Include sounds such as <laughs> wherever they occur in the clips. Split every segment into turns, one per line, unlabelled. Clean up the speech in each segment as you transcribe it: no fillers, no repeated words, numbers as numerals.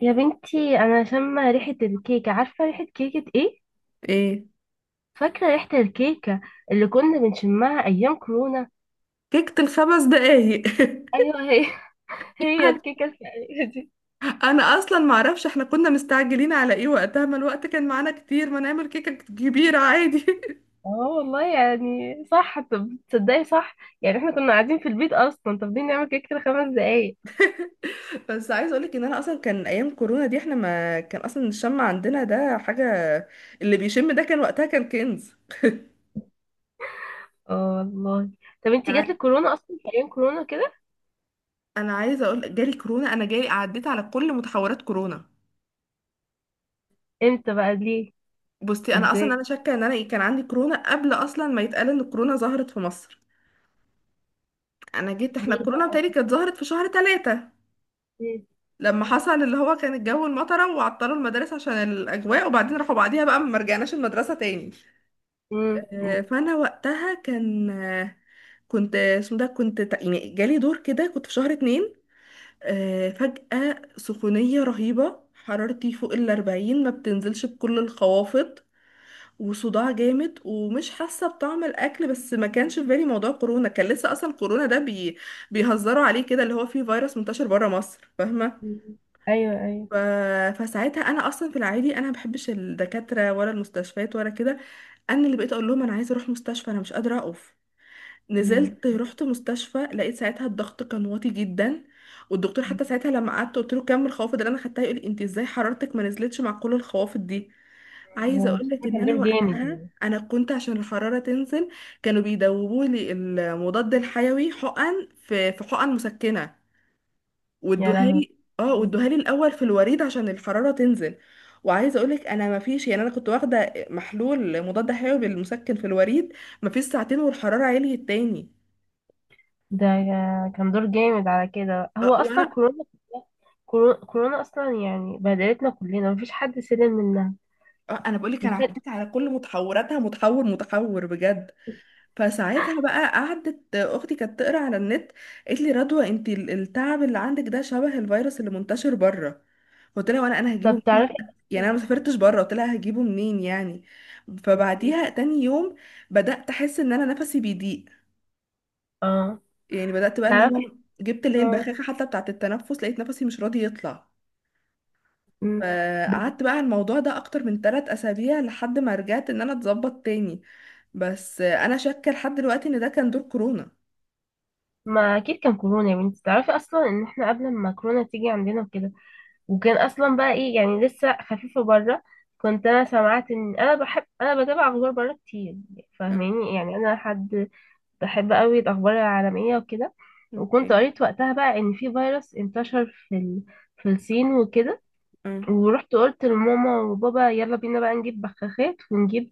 يا بنتي، انا شامه ريحه الكيكه. عارفه ريحه كيكه ايه؟
ايه.
فاكره ريحه الكيكه اللي كنا بنشمها ايام كورونا.
كيكة الخمس دقايق <laughs>
ايوه هي. <laughs> هي
انا
الكيكه الفقريه دي.
أنا اصلا معرفش احنا كنا مستعجلين على ايه وقتها، ما الوقت كان معانا كتير ما نعمل كيكة كبيرة عادي <laughs>
اه والله، يعني صح. طب تصدقي صح، يعني احنا كنا قاعدين في البيت اصلا، طب دي نعمل كيكه لـ5 دقايق.
بس عايز اقولك ان انا اصلا كان ايام كورونا دي احنا ما كان اصلا الشم عندنا ده حاجة، اللي بيشم ده كان وقتها كان كنز.
اه والله. طب انتي
ع-
جاتلك كورونا اصلا في ايام كورونا كده؟
انا عايزه اقول جالي كورونا، انا جالي عديت على كل متحورات كورونا.
امتى بقى؟ ليه؟
بصي، انا اصلا
ازاي؟
انا شاكه ان انا كان عندي كورونا قبل اصلا ما يتقال ان الكورونا ظهرت في مصر. انا جيت احنا
ليه
الكورونا
بقى؟
بتاعتي كانت ظهرت في شهر 3
ليه؟
لما حصل اللي هو كان الجو المطره وعطلوا المدارس عشان الاجواء، وبعدين راحوا بعديها بقى ما رجعناش المدرسه تاني.
مم.
فانا وقتها كان كنت اسمه ده كنت يعني جالي دور كده كنت في شهر 2. فجأة سخونية رهيبة، حرارتي فوق الأربعين ما بتنزلش بكل الخوافض، وصداع جامد، ومش حاسة بطعم الأكل. بس ما كانش في بالي موضوع كورونا، كان لسه أصلا كورونا ده بيهزروا عليه كده، اللي هو فيه فيروس منتشر بره مصر، فاهمة؟
مم. ايوه ايوه.
ف... فساعتها انا اصلا في العادي انا ما بحبش الدكاتره ولا المستشفيات ولا كده. انا اللي بقيت اقول لهم انا عايزه اروح مستشفى، انا مش قادره اقف.
مم.
نزلت رحت مستشفى، لقيت ساعتها الضغط كان واطي جدا. والدكتور حتى ساعتها لما قعدت قلت له كم الخوافض اللي انا خدتها، يقول لي انت ازاي حرارتك ما نزلتش مع كل الخوافض دي. عايزه
هو
اقول لك ان
كان
انا
دور جامد
وقتها
يعني.
انا كنت عشان الحراره تنزل كانوا بيدوبوا لي المضاد الحيوي حقن في حقن مسكنه
يا لهوي.
وادوهالي الاول في الوريد عشان الحراره تنزل. وعايزه اقولك انا ما فيش يعني، انا كنت واخده محلول مضاد حيوي بالمسكن في الوريد، ما فيش ساعتين والحراره عليت تاني.
ده كان دور جامد. على كده هو اصلا
وانا
كورونا. كورونا اصلا، يعني بهدلتنا كلنا، مفيش حد سلم منها.
انا بقولك انا
وخد-
عديت على كل متحوراتها متحور متحور بجد. فساعتها بقى قعدت اختي كانت تقرا على النت، قالت لي رضوى، انت التعب اللي عندك ده شبه الفيروس اللي منتشر بره. قلت لها وانا هجيبه
طب
منين
تعرفي.
<laughs> يعني انا ما سافرتش بره، قلت لها هجيبه منين يعني. فبعديها تاني يوم بدات احس ان انا نفسي بيضيق،
اه.
يعني بدات بقى اللي هو
تعرفي.
جبت اللي هي
اه.
البخاخه حتى بتاعه التنفس، لقيت نفسي مش راضي يطلع.
أمم. ده-
فقعدت بقى على الموضوع ده اكتر من 3 اسابيع لحد ما رجعت ان انا اتظبط تاني. بس انا شاكه لحد دلوقتي ان ده كان دور كورونا.
ما اكيد كان كورونا يا بنتي. تعرفي اصلا ان احنا قبل ما كورونا تيجي عندنا وكده، وكان اصلا بقى ايه، يعني لسه خفيفه بره. كنت انا سمعت ان انا بحب انا بتابع اخبار بره كتير. فاهماني يعني، انا حد بحب قوي الأخبار العالمية وكده. وكنت
اوكي.
قريت وقتها بقى إن في فيروس انتشر في الصين وكده.
مم.
ورحت قلت لماما وبابا، يلا بينا بقى نجيب بخاخات ونجيب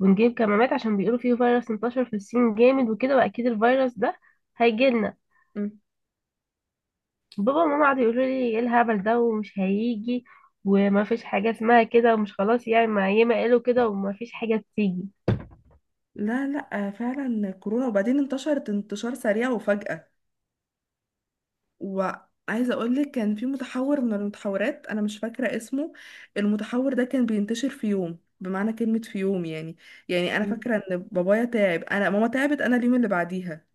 ونجيب كمامات، عشان بيقولوا فيه فيروس انتشر في الصين جامد وكده، وأكيد الفيروس ده هيجيلنا.
مم.
بابا وماما قعدوا يقولوا لي ايه الهبل ده ومش هيجي، وما فيش حاجة اسمها كده، ومش خلاص يعني، ما ياما قالوا كده وما فيش حاجة تيجي.
لا لا، فعلا كورونا. وبعدين انتشرت انتشار سريع وفجأة. وعايزة اقول لك كان في متحور من المتحورات انا مش فاكرة اسمه، المتحور ده كان بينتشر في يوم، بمعنى كلمة في يوم يعني. يعني انا فاكرة ان بابايا تعب، انا ماما تعبت، انا اليوم اللي بعديها.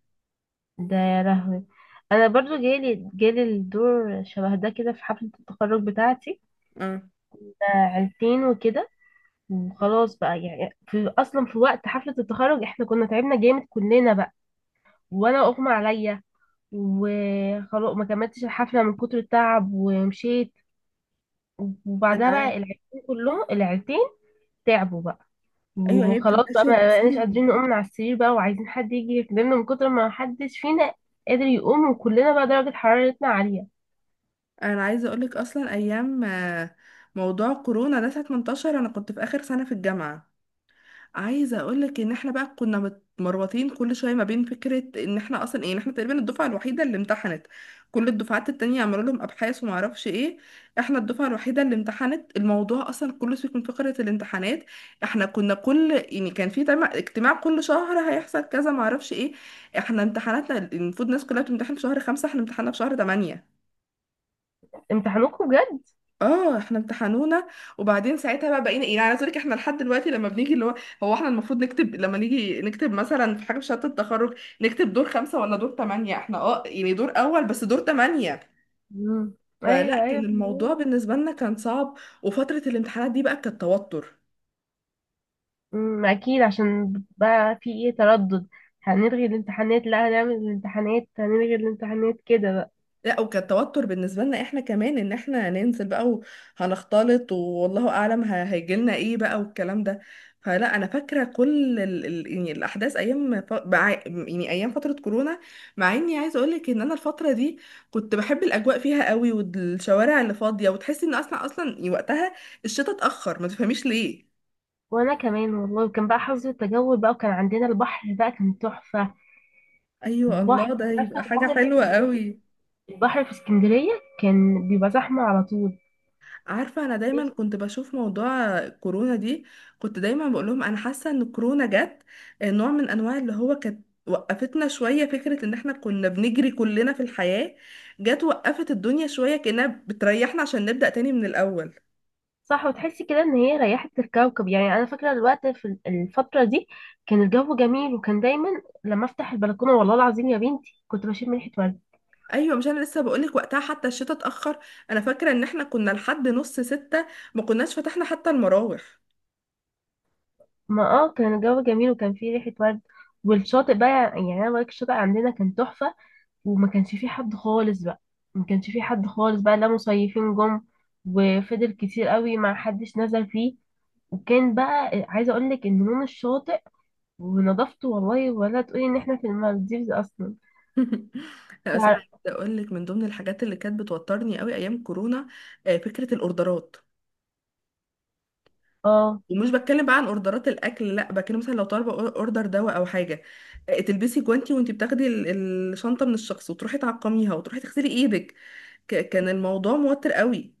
ده يا لهوي. انا برضو جالي الدور شبه ده كده في حفلة التخرج بتاعتي.
مم.
عيلتين وكده. وخلاص بقى، يعني في وقت حفلة التخرج احنا كنا تعبنا جامد كلنا بقى، وانا اغمى عليا، وخلاص ما كملتش الحفلة من كتر التعب ومشيت.
انا
وبعدها بقى
عاي...
العيلتين تعبوا بقى،
ايوه، هي
وخلاص بقى
بتنتشر
ما بقناش
بسرعة.
قادرين نقوم من على السرير بقى، وعايزين حد يجي يخدمنا من كتر ما حدش فينا قادر يقوم، وكلنا بقى درجة حرارتنا عالية.
انا عايزة اقول لك اصلا ايام موضوع كورونا ده ساعة ما انتشر انا كنت في اخر سنة في الجامعة. عايزه اقول لك ان احنا بقى كنا متمربطين كل شويه ما بين فكره ان احنا اصلا إن احنا تقريبا الدفعه الوحيده اللي امتحنت. كل الدفعات التانية عملوا لهم ابحاث وما اعرفش ايه، احنا الدفعه الوحيده اللي امتحنت. الموضوع اصلا كله سيبك من فكره الامتحانات، احنا كنا كل يعني كان في اجتماع كل شهر هيحصل كذا ما اعرفش ايه. احنا امتحاناتنا المفروض الناس كلها بتمتحن في شهر 5، احنا امتحاننا في شهر 8.
امتحانوكوا بجد؟
اه، احنا امتحنونا. وبعدين ساعتها بقى بقينا يعني عايز اقول لك احنا لحد دلوقتي لما بنيجي اللي هو، هو احنا المفروض نكتب لما نيجي نكتب مثلا في حاجه في شهاده التخرج نكتب دور خمسه ولا دور ثمانيه، احنا يعني دور اول بس دور ثمانيه.
مم.
فلا
ايوه
كان الموضوع
ايوه.
بالنسبه لنا كان صعب، وفتره الامتحانات دي بقى كانت توتر.
اكيد، عشان بقى في ايه، تردد، هنلغي الامتحانات، لا هنعمل الامتحانات، هنلغي الامتحانات كده بقى.
لا وكان توتر بالنسبه لنا احنا كمان ان احنا ننزل بقى وهنختلط، والله اعلم هيجي لنا ايه بقى والكلام ده. فلا انا فاكره كل يعني الاحداث ايام يعني ايام فتره كورونا. مع اني عايزه اقول لك ان انا الفتره دي كنت بحب الاجواء فيها قوي، والشوارع اللي فاضيه، وتحسي ان اصلا اصلا يعني وقتها الشتاء اتاخر ما تفهميش ليه.
وانا كمان والله، وكان بقى حظ التجول بقى، وكان عندنا البحر بقى كان تحفة.
ايوه،
البحر،
الله، ده
انت
هيبقى
عارفة
حاجه
البحر في
حلوه
اسكندرية،
قوي.
البحر في اسكندرية كان بيبقى زحمة على طول.
عارفة، أنا دايما كنت بشوف موضوع كورونا دي، كنت دايما بقولهم أنا حاسة إن كورونا جت نوع من أنواع اللي هو كانت وقفتنا شوية. فكرة إن إحنا كنا بنجري كلنا في الحياة، جت وقفت الدنيا شوية كأنها بتريحنا عشان نبدأ تاني من الأول.
صح، وتحسي كده ان هي ريحت الكوكب يعني. انا فاكره الوقت في الفتره دي كان الجو جميل، وكان دايما لما افتح البلكونه والله العظيم يا بنتي كنت بشم ريحه ورد.
أيوة، مش أنا لسه بقولك وقتها حتى الشتاء اتأخر، أنا فاكرة إن إحنا كنا لحد نص ستة ما كناش فتحنا حتى المراوح.
ما اه كان الجو جميل وكان فيه ريحه ورد، والشاطئ بقى، يعني انا بقولك الشاطئ عندنا كان تحفه، وما كانش فيه حد خالص بقى. ما كانش فيه حد خالص بقى، لا مصيفين جم، وفضل كتير قوي ما حدش نزل فيه. وكان بقى عايزه اقول لك ان لون الشاطئ ونظافته، والله ولا تقولي ان احنا في المالديفز اصلا.
<laughs> لا بس أنا
تع-
عايزة أقولك من ضمن الحاجات اللي كانت بتوترني قوي أيام كورونا فكرة الأوردرات،
اه.
ومش بتكلم بقى عن اوردرات الاكل، لا بتكلم مثلا لو طالبه اوردر دواء او حاجه. تلبسي جوانتي وانتي بتاخدي الشنطه من الشخص، وتروحي تعقميها، وتروحي تغسلي ايدك. كان الموضوع موتر قوي.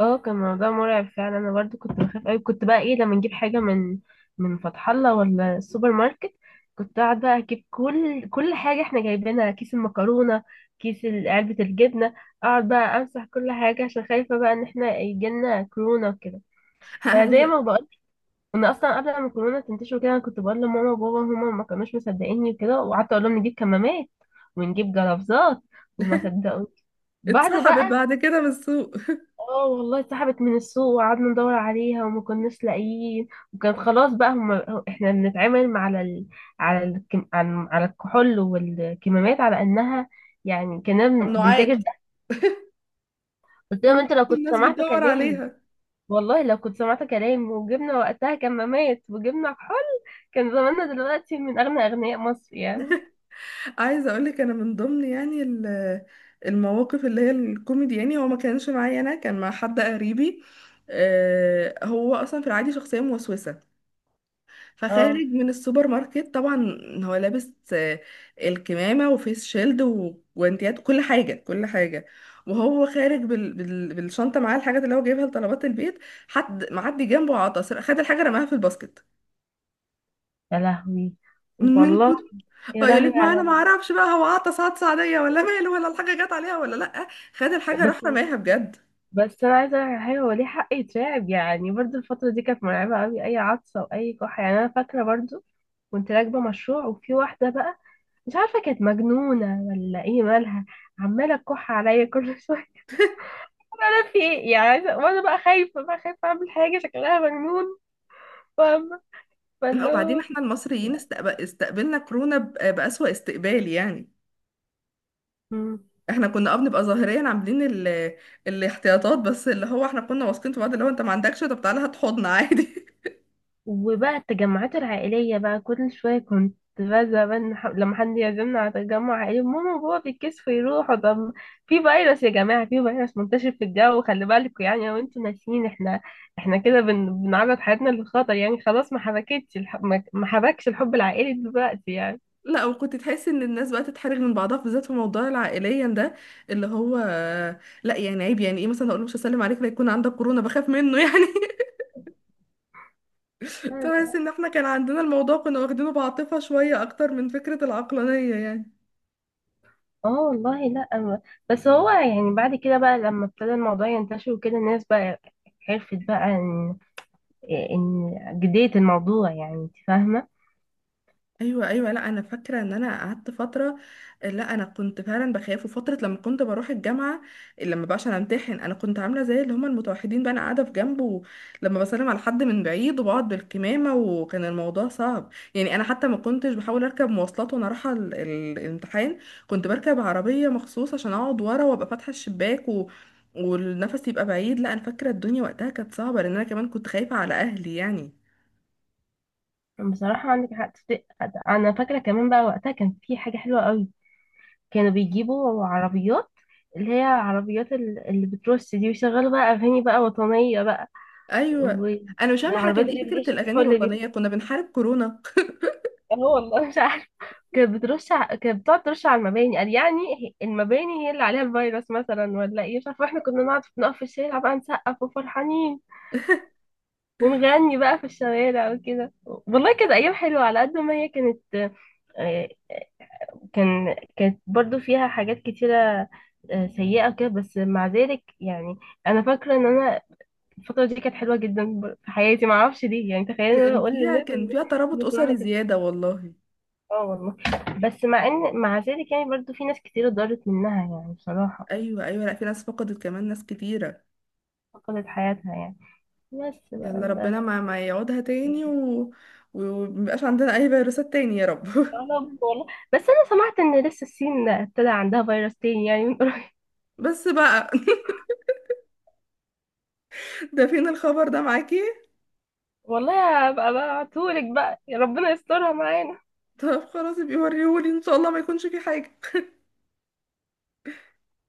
اه، كان موضوع مرعب فعلا. انا برضو كنت بخاف قوي، كنت بقى ايه، لما نجيب حاجه من فتح الله ولا السوبر ماركت، كنت قاعده اجيب كل حاجه احنا جايبينها، كيس المكرونه، علبه الجبنه، اقعد بقى امسح كل حاجه عشان خايفه بقى ان احنا يجيلنا كورونا وكده.
<laughs>
فزي
عايزة-
ما بقول، انا اصلا قبل ما الكورونا تنتشر كده انا كنت بقول لماما وبابا، هما ما كانوش مصدقيني وكده، وقعدت اقول لهم نجيب كمامات ونجيب جرافزات وما صدقوا. بعد
اتسحبت
بقى
بعد كده من السوق <laughs>
اه والله اتسحبت من السوق، وقعدنا ندور عليها وما كناش لاقيين، وكان خلاص بقى، هم احنا بنتعامل مع على ال... على الكم... عن- على الكحول والكمامات على انها، يعني كنا بنتاجر
ممنوعات.
ده. قلت لهم انت لو
ممنوعات
كنت
الناس
سمعت
بتدور
كلامي،
عليها.
والله لو كنت سمعت كلامي وجبنا وقتها كمامات وجبنا كحول، كان زماننا دلوقتي من اغنى اغنياء مصر يعني.
عايزه اقول لك انا من ضمن يعني المواقف اللي هي الكوميدي، يعني هو ما كانش معايا، انا كان مع حد قريبي. هو اصلا في العادي شخصيه موسوسه،
اه.
فخارج من السوبر ماركت طبعا هو لابس الكمامة وفيس شيلد وجوانتيات كل حاجة كل حاجة. وهو خارج بالشنطة معاه الحاجات اللي هو جايبها لطلبات البيت، حد معدي جنبه عطس، خد الحاجة رماها في الباسكت.
يا لهوي.
من من
والله.
كت-
يا
اه، يقول
لهوي
لك ما انا ما
على.
اعرفش بقى هو عطس عطس عادية ولا ماله، ولا الحاجة جت عليها ولا لا. خد الحاجة
بس
راح رماها بجد.
بس انا عايزه اقول على حاجه، هو ليه حق يترعب يعني، برضو الفتره دي كانت مرعبه قوي، اي عطسه واي كحه، يعني انا فاكره برضو كنت راكبه مشروع، وفي واحده بقى مش عارفه كانت مجنونه ولا ايه مالها، عماله تكح عليا كل شويه. <laughs> انا في ايه يعني، عايزه وانا بقى خايفه اعمل حاجه شكلها مجنون. فاهمه.
لا
فاللي
وبعدين
هو.
احنا المصريين استقبلنا كورونا بأسوأ استقبال يعني.
مم.
احنا كنا بنبقى ظاهريا عاملين الاحتياطات، بس اللي هو احنا كنا واثقين في بعض، اللي هو انت ما عندكش طب تعالى هات حضن عادي.
وبقى التجمعات العائلية بقى كل شوية كنت بزهق بقى، إن لما حد يعزمنا على تجمع عائلي، ماما وبابا بيتكسفوا يروحوا. طب في فيروس يا جماعة، في فيروس منتشر في الجو، خلي بالكوا، يعني لو انتوا ناسيين احنا كده بنعرض حياتنا للخطر، يعني خلاص ما حبكش الحب العائلي دلوقتي يعني.
<laughs> لا، وكنت تحسي ان الناس بقى تتحرج من بعضها بالذات في موضوع العائليا ده، اللي هو لا يعني عيب يعني ايه مثلا اقول له مش هسلم عليك لا يكون عندك كورونا بخاف منه يعني. <laughs> تحس ان احنا كان عندنا الموضوع كنا واخدينه بعاطفة شوية اكتر من فكرة العقلانية يعني.
اه والله. لا. بس هو يعني بعد كده بقى لما ابتدى الموضوع ينتشر وكده، الناس بقى عرفت بقى ان جدية الموضوع يعني، انت فاهمة.
ايوه ايوه، لا انا فاكره ان انا قعدت فتره، لا انا كنت فعلا بخاف، وفتره لما كنت بروح الجامعه لما بقى عشان امتحن انا كنت عامله زي اللي هم المتوحدين بقى انا قاعده في جنبه، لما بسلم على حد من بعيد وبقعد بالكمامه، وكان الموضوع صعب. يعني انا حتى ما كنتش بحاول اركب مواصلات وانا رايحه الامتحان، كنت بركب عربيه مخصوص عشان اقعد ورا وابقى فاتحه الشباك والنفس يبقى بعيد. لا انا فاكره الدنيا وقتها كانت صعبه لان انا كمان كنت خايفه على اهلي يعني.
بصراحة عندك حق، تصدق أنا فاكرة كمان بقى وقتها كان في حاجة حلوة قوي، كانوا بيجيبوا عربيات، اللي هي عربيات اللي بترص دي، ويشغلوا بقى أغاني بقى وطنية بقى،
ايوه. انا مش فاهمه احنا كان
والعربيات اللي
ايه
هي بترش
فكره
في
الاغاني
الحل دي.
الوطنيه كنا بنحارب كورونا؟
اه والله مش عارفة. كانت بترش كانت بتقعد ترش على المباني، قال يعني المباني هي اللي عليها الفيروس مثلا، ولا ايه مش عارفة، احنا كنا نقعد نقف في الشارع بقى نسقف وفرحانين، ونغني بقى في الشوارع وكده، والله كانت أيام حلوة على قد ما هي كانت. آه، كانت برضو فيها حاجات كتيرة سيئة كده، بس مع ذلك يعني. أنا فاكرة إن أنا الفترة دي كانت حلوة جدا في حياتي، معرفش ليه يعني، تخيل إن أنا
كان
أقول
فيها
للناس إن
كان فيها ترابط
إن كورونا
اسري
كانت.
زياده والله.
آه والله. بس مع مع ذلك يعني، برضو في ناس كتير اتضرت منها يعني بصراحة،
ايوه ايوه، لا في ناس فقدت كمان، ناس كتيره.
فقدت حياتها يعني. بس
يلا،
بقى
ربنا
بس.
ما يعودها تاني ومبقاش عندنا اي فيروسات تاني يا رب
يا
<laughs>
رب والله. بس أنا سمعت إن لسه الصين ابتدى عندها فيروس تاني يعني من قريب. <laughs>
بس بقى. <laughs> ده فين الخبر ده معاكي؟
والله هبقى بقى أبعتهولك بقى، يا ربنا يسترها معانا.
طب خلاص يبقى وريهولي ان شاء الله ما يكونش في حاجه.